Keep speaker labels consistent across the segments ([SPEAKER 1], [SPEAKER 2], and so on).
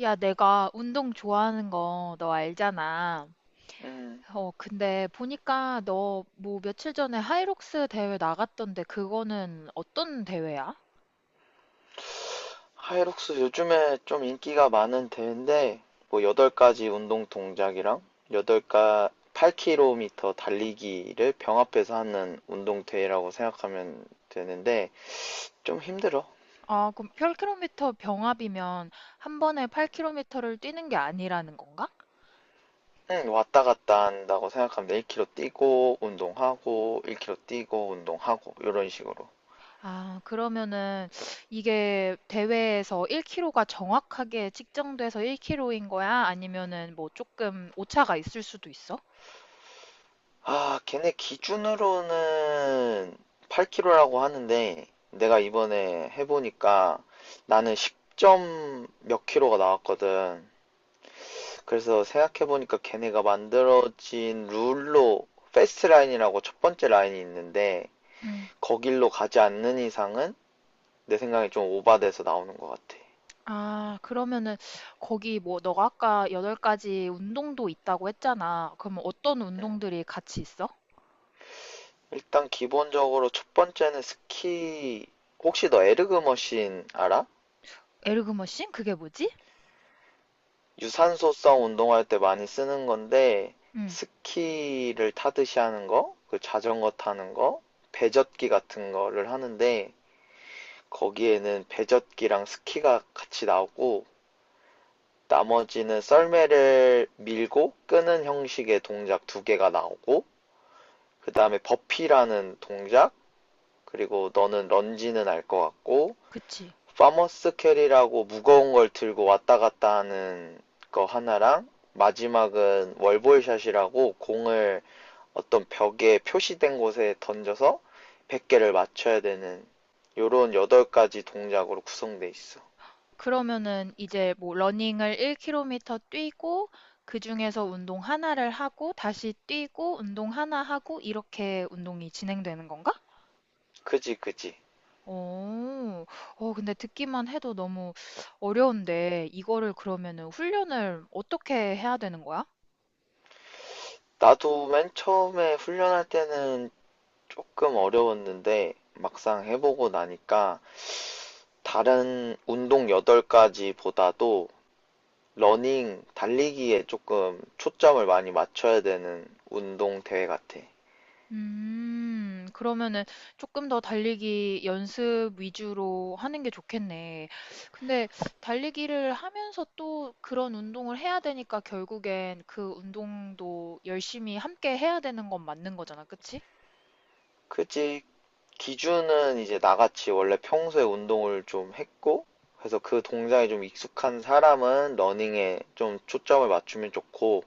[SPEAKER 1] 야, 내가 운동 좋아하는 거 너 알잖아.
[SPEAKER 2] 음,
[SPEAKER 1] 어, 근데 보니까 너 뭐 며칠 전에 하이록스 대회 나갔던데 그거는 어떤 대회야?
[SPEAKER 2] 하이록스 요즘에 좀 인기가 많은 대회인데, 뭐, 8가지 운동 동작이랑 8가 로 k m 달리기를 병합해서 하는 운동 대회라고 생각하면 되는데, 좀 힘들어.
[SPEAKER 1] 아, 그럼 8km 병합이면 한 번에 8km를 뛰는 게 아니라는 건가?
[SPEAKER 2] 응, 왔다 갔다 한다고 생각하면 돼. 1km 뛰고, 운동하고, 1km 뛰고, 운동하고, 이런 식으로.
[SPEAKER 1] 아, 그러면은 이게 대회에서 1km가 정확하게 측정돼서 1km인 거야? 아니면은 뭐 조금 오차가 있을 수도 있어?
[SPEAKER 2] 아, 걔네 기준으로는 8kg라고 하는데, 내가 이번에 해보니까 나는 10점 몇 킬로가 나왔거든. 그래서 생각해보니까 걔네가 만들어진 룰로, 패스트 라인이라고 첫 번째 라인이 있는데,
[SPEAKER 1] 음.
[SPEAKER 2] 거길로 가지 않는 이상은 내 생각에 좀 오바돼서 나오는 것 같아.
[SPEAKER 1] 아, 그러면은 거기 뭐 너가 아까 8가지 운동도 있다고 했잖아. 그러면 어떤 운동들이 같이 있어?
[SPEAKER 2] 일단 기본적으로 첫 번째는 스키, 혹시 너 에르그 머신 알아?
[SPEAKER 1] 에르그머신? 그게 뭐지?
[SPEAKER 2] 유산소성 운동할 때 많이 쓰는 건데
[SPEAKER 1] 응,
[SPEAKER 2] 스키를 타듯이 하는 거, 그 자전거 타는 거, 배젓기 같은 거를 하는데 거기에는 배젓기랑 스키가 같이 나오고 나머지는 썰매를 밀고 끄는 형식의 동작 두 개가 나오고 그 다음에 버피라는 동작 그리고 너는 런지는 알 것 같고
[SPEAKER 1] 그치.
[SPEAKER 2] 파머스 캐리라고 무거운 걸 들고 왔다 갔다 하는 거 하나랑 마지막은 월볼샷이라고 공을 어떤 벽에 표시된 곳에 던져서 100개를 맞춰야 되는 요런 8가지 동작으로 구성돼 있어.
[SPEAKER 1] 그러면은 이제 뭐 러닝을 1km 뛰고 그중에서 운동 하나를 하고 다시 뛰고 운동 하나 하고 이렇게 운동이 진행되는 건가?
[SPEAKER 2] 그지, 그지.
[SPEAKER 1] 오, 어, 근데 듣기만 해도 너무 어려운데 이거를 그러면은 훈련을 어떻게 해야 되는 거야?
[SPEAKER 2] 나도 맨 처음에 훈련할 때는 조금 어려웠는데 막상 해보고 나니까 다른 운동 8가지보다도 러닝, 달리기에 조금 초점을 많이 맞춰야 되는 운동 대회 같아.
[SPEAKER 1] 그러면은 조금 더 달리기 연습 위주로 하는 게 좋겠네. 근데 달리기를 하면서 또 그런 운동을 해야 되니까 결국엔 그 운동도 열심히 함께 해야 되는 건 맞는 거잖아, 그치?
[SPEAKER 2] 그치? 기준은 이제 나같이 원래 평소에 운동을 좀 했고, 그래서 그 동작이 좀 익숙한 사람은 러닝에 좀 초점을 맞추면 좋고,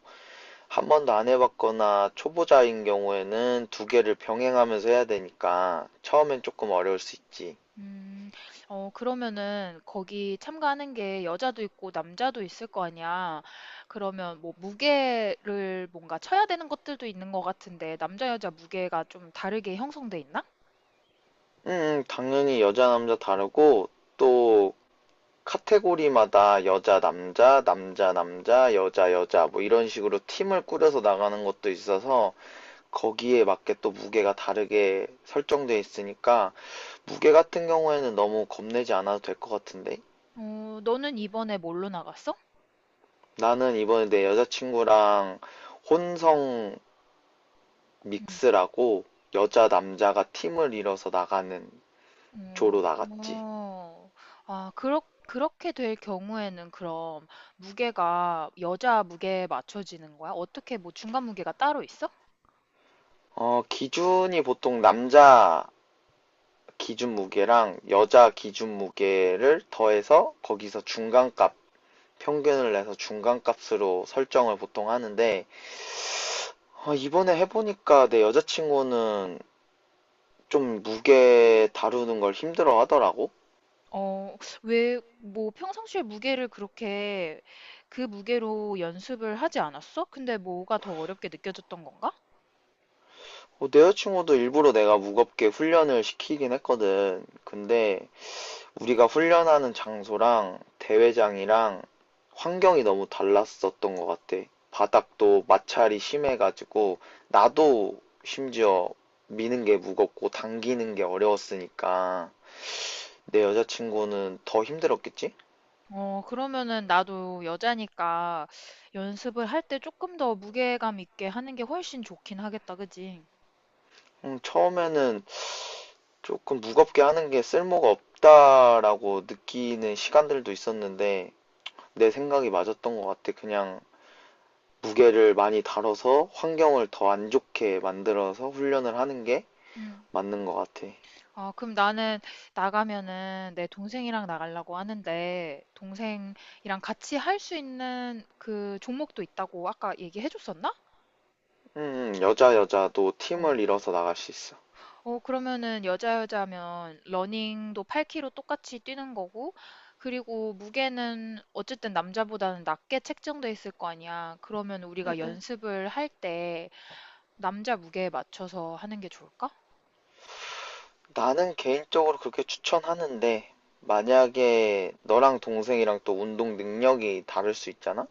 [SPEAKER 2] 한 번도 안 해봤거나 초보자인 경우에는 두 개를 병행하면서 해야 되니까 처음엔 조금 어려울 수 있지.
[SPEAKER 1] 음, 어, 그러면은 거기 참가하는 게 여자도 있고 남자도 있을 거 아니야. 그러면 뭐 무게를 뭔가 쳐야 되는 것들도 있는 것 같은데 남자 여자 무게가 좀 다르게 형성돼 있나?
[SPEAKER 2] 당연히 여자 남자 다르고 또 카테고리마다 여자, 남자, 남자, 남자, 여자, 여자 뭐 이런 식으로 팀을 꾸려서 나가는 것도 있어서 거기에 맞게 또 무게가 다르게 설정돼 있으니까 무게 같은 경우에는 너무 겁내지 않아도 될 것 같은데
[SPEAKER 1] 어, 너는 이번에 뭘로 나갔어?
[SPEAKER 2] 나는 이번에 내 여자친구랑 혼성
[SPEAKER 1] 응.
[SPEAKER 2] 믹스라고 여자, 남자가 팀을 이뤄서 나가는
[SPEAKER 1] 어,
[SPEAKER 2] 조로 나갔지.
[SPEAKER 1] 어. 아, 그렇게 될 경우에는 그럼 무게가 여자 무게에 맞춰지는 거야? 어떻게 뭐 중간 무게가 따로 있어?
[SPEAKER 2] 어, 기준이 보통 남자 기준 무게랑 여자 기준 무게를 더해서 거기서 중간값, 평균을 내서 중간값으로 설정을 보통 하는데, 아, 이번에 해보니까 내 여자친구는 좀 무게 다루는 걸 힘들어 하더라고.
[SPEAKER 1] 어, 왜, 뭐 평상시에 무게를 그렇게 그 무게로 연습을 하지 않았어? 근데 뭐가 더 어렵게 느껴졌던 건가?
[SPEAKER 2] 어, 내 여자친구도 일부러 내가 무겁게 훈련을 시키긴 했거든. 근데 우리가 훈련하는 장소랑 대회장이랑 환경이 너무 달랐었던 것 같아. 바닥도 마찰이 심해가지고, 나도 심지어 미는 게 무겁고 당기는 게 어려웠으니까, 내 여자친구는 더 힘들었겠지?
[SPEAKER 1] 어, 그러면은 나도 여자니까 연습을 할 때 조금 더 무게감 있게 하는 게 훨씬 좋긴 하겠다, 그지?
[SPEAKER 2] 처음에는 조금 무겁게 하는 게 쓸모가 없다라고 느끼는 시간들도 있었는데, 내 생각이 맞았던 것 같아. 그냥 무게를 많이 다뤄서 환경을 더 안 좋게 만들어서 훈련을 하는 게
[SPEAKER 1] 음.
[SPEAKER 2] 맞는 것 같아.
[SPEAKER 1] 아, 그럼 나는 나가면은 내 동생이랑 나가려고 하는데, 동생이랑 같이 할 수 있는 그 종목도 있다고 아까 얘기해 줬었나?
[SPEAKER 2] 여자 여자도
[SPEAKER 1] 어,
[SPEAKER 2] 팀을 이뤄서 나갈 수 있어.
[SPEAKER 1] 어, 그러면은 여자 여자면 러닝도 8km 똑같이 뛰는 거고, 그리고 무게는 어쨌든 남자보다는 낮게 책정돼 있을 거 아니야. 그러면
[SPEAKER 2] 음,
[SPEAKER 1] 우리가
[SPEAKER 2] 음.
[SPEAKER 1] 연습을 할 때 남자 무게에 맞춰서 하는 게 좋을까?
[SPEAKER 2] 나는 개인적으로 그렇게 추천하는데 만약에 너랑 동생이랑 또 운동 능력이 다를 수 있잖아?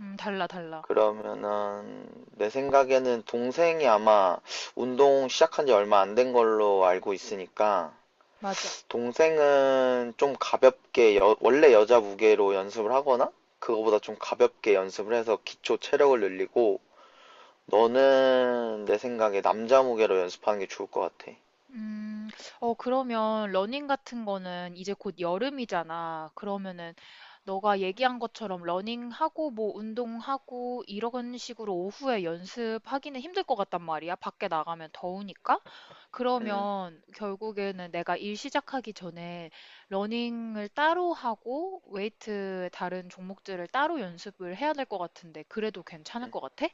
[SPEAKER 1] 달라, 달라.
[SPEAKER 2] 그러면은 내 생각에는 동생이 아마 운동 시작한 지 얼마 안 된 걸로 알고 있으니까
[SPEAKER 1] 맞아.
[SPEAKER 2] 동생은 좀 가볍게 원래 여자 무게로 연습을 하거나 그거보다 좀 가볍게 연습을 해서 기초 체력을 늘리고 너는 내 생각에 남자 무게로 연습하는 게 좋을 것 같아.
[SPEAKER 1] 음, 어, 그러면 러닝 같은 거는 이제 곧 여름이잖아. 그러면은 너가 얘기한 것처럼 러닝하고 뭐 운동하고 이런 식으로 오후에 연습하기는 힘들 것 같단 말이야. 밖에 나가면 더우니까.
[SPEAKER 2] 음,
[SPEAKER 1] 그러면 결국에는 내가 일 시작하기 전에 러닝을 따로 하고 웨이트 다른 종목들을 따로 연습을 해야 될 것 같은데 그래도 괜찮을 것 같아?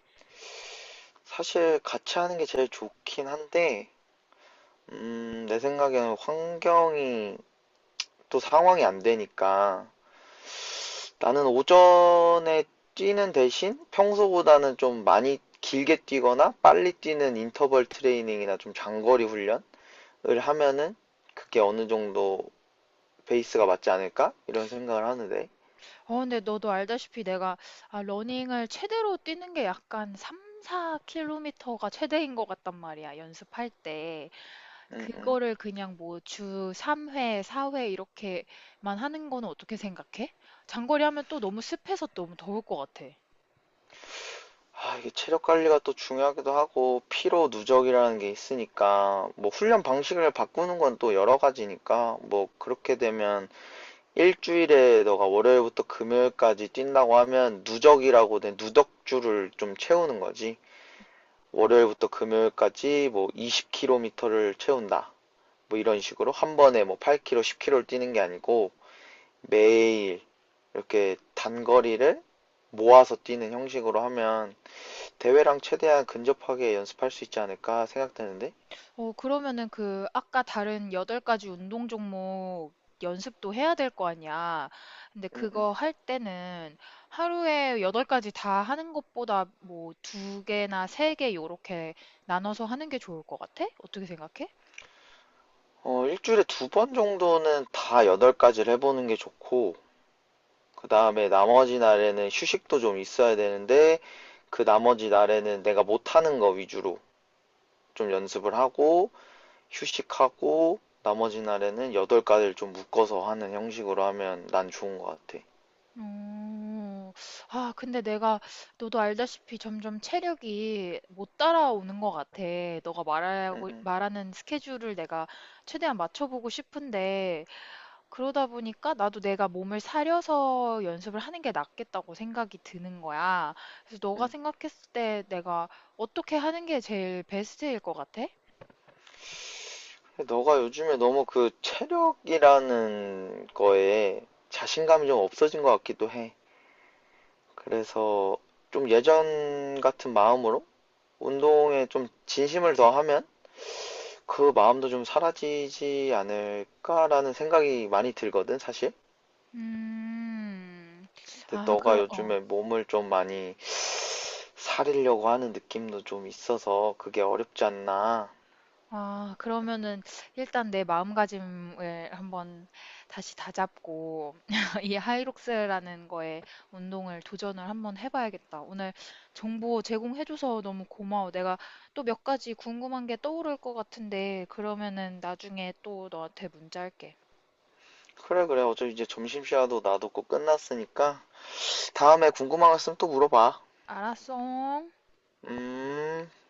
[SPEAKER 2] 사실 같이 하는 게 제일 좋긴 한데, 내 생각에는 환경이 또 상황이 안 되니까 나는 오전에 뛰는 대신 평소보다는 좀 많이 길게 뛰거나 빨리 뛰는 인터벌 트레이닝이나 좀 장거리 훈련을 하면은 그게 어느 정도 베이스가 맞지 않을까? 이런 생각을 하는데.
[SPEAKER 1] 어, 근데 너도 알다시피 내가 아, 러닝을 최대로 뛰는 게 약간 3, 4km가 최대인 것 같단 말이야, 연습할 때.
[SPEAKER 2] 음, 음.
[SPEAKER 1] 그거를 그냥 뭐 주 3회, 4회 이렇게만 하는 거는 어떻게 생각해? 장거리 하면 또 너무 습해서 너무 더울 것 같아.
[SPEAKER 2] 아, 이게 체력 관리가 또 중요하기도 하고, 피로 누적이라는 게 있으니까, 뭐, 훈련 방식을 바꾸는 건 또 여러 가지니까, 뭐, 그렇게 되면, 일주일에 너가 월요일부터 금요일까지 뛴다고 하면, 누적이라고 된 누적주를 좀 채우는 거지. 월요일부터 금요일까지 뭐, 20km를 채운다. 뭐, 이런 식으로. 한 번에 뭐, 8km, 10km를 뛰는 게 아니고, 매일, 이렇게 단거리를 모아서 뛰는 형식으로 하면, 대회랑 최대한 근접하게 연습할 수 있지 않을까 생각되는데,
[SPEAKER 1] 어, 그러면은 그 아까 다른 8가지 운동 종목 연습도 해야 될 거 아니야. 근데
[SPEAKER 2] 음, 음.
[SPEAKER 1] 그거 할 때는 하루에 8가지 다 하는 것보다 뭐 2개나 3개 요렇게 나눠서 하는 게 좋을 것 같아? 어떻게 생각해?
[SPEAKER 2] 어, 일주일에 두 번 정도는 다 8가지를 해보는 게 좋고, 그 다음에 나머지 날에는 휴식도 좀 있어야 되는데, 그 나머지 날에는 내가 못하는 거 위주로 좀 연습을 하고, 휴식하고, 나머지 날에는 8가지를 좀 묶어서 하는 형식으로 하면 난 좋은 것 같아.
[SPEAKER 1] 음, 아, 근데 너도 알다시피 점점 체력이 못 따라오는 것 같아. 너가
[SPEAKER 2] 응응.
[SPEAKER 1] 말하는 스케줄을 내가 최대한 맞춰보고 싶은데, 그러다 보니까 나도 내가 몸을 사려서 연습을 하는 게 낫겠다고 생각이 드는 거야. 그래서 너가
[SPEAKER 2] 응.
[SPEAKER 1] 생각했을 때 내가 어떻게 하는 게 제일 베스트일 것 같아?
[SPEAKER 2] 응. 너가 요즘에 너무 그 체력이라는 거에 자신감이 좀 없어진 것 같기도 해. 그래서 좀 예전 같은 마음으로 운동에 좀 진심을 더하면 그 마음도 좀 사라지지 않을까라는 생각이 많이 들거든, 사실.
[SPEAKER 1] 음,
[SPEAKER 2] 근데
[SPEAKER 1] 아,
[SPEAKER 2] 너가
[SPEAKER 1] 그럼,
[SPEAKER 2] 요즘에 몸을 좀 많이 사리려고 하는 느낌도 좀 있어서 그게 어렵지 않나.
[SPEAKER 1] 아, 그러면은 일단 내 마음가짐을 한번 다시 다잡고 이 하이록스라는 거에 운동을 도전을 한번 해봐야겠다. 오늘 정보 제공해줘서 너무 고마워. 내가 또 몇 가지 궁금한 게 떠오를 것 같은데 그러면은 나중에 또 너한테 문자 할게.
[SPEAKER 2] 그래, 그래. 어차피 이제 점심시간도 나도 꼭 끝났으니까 다음에 궁금한 거 있으면 또 물어봐.
[SPEAKER 1] 알았어.
[SPEAKER 2] 음.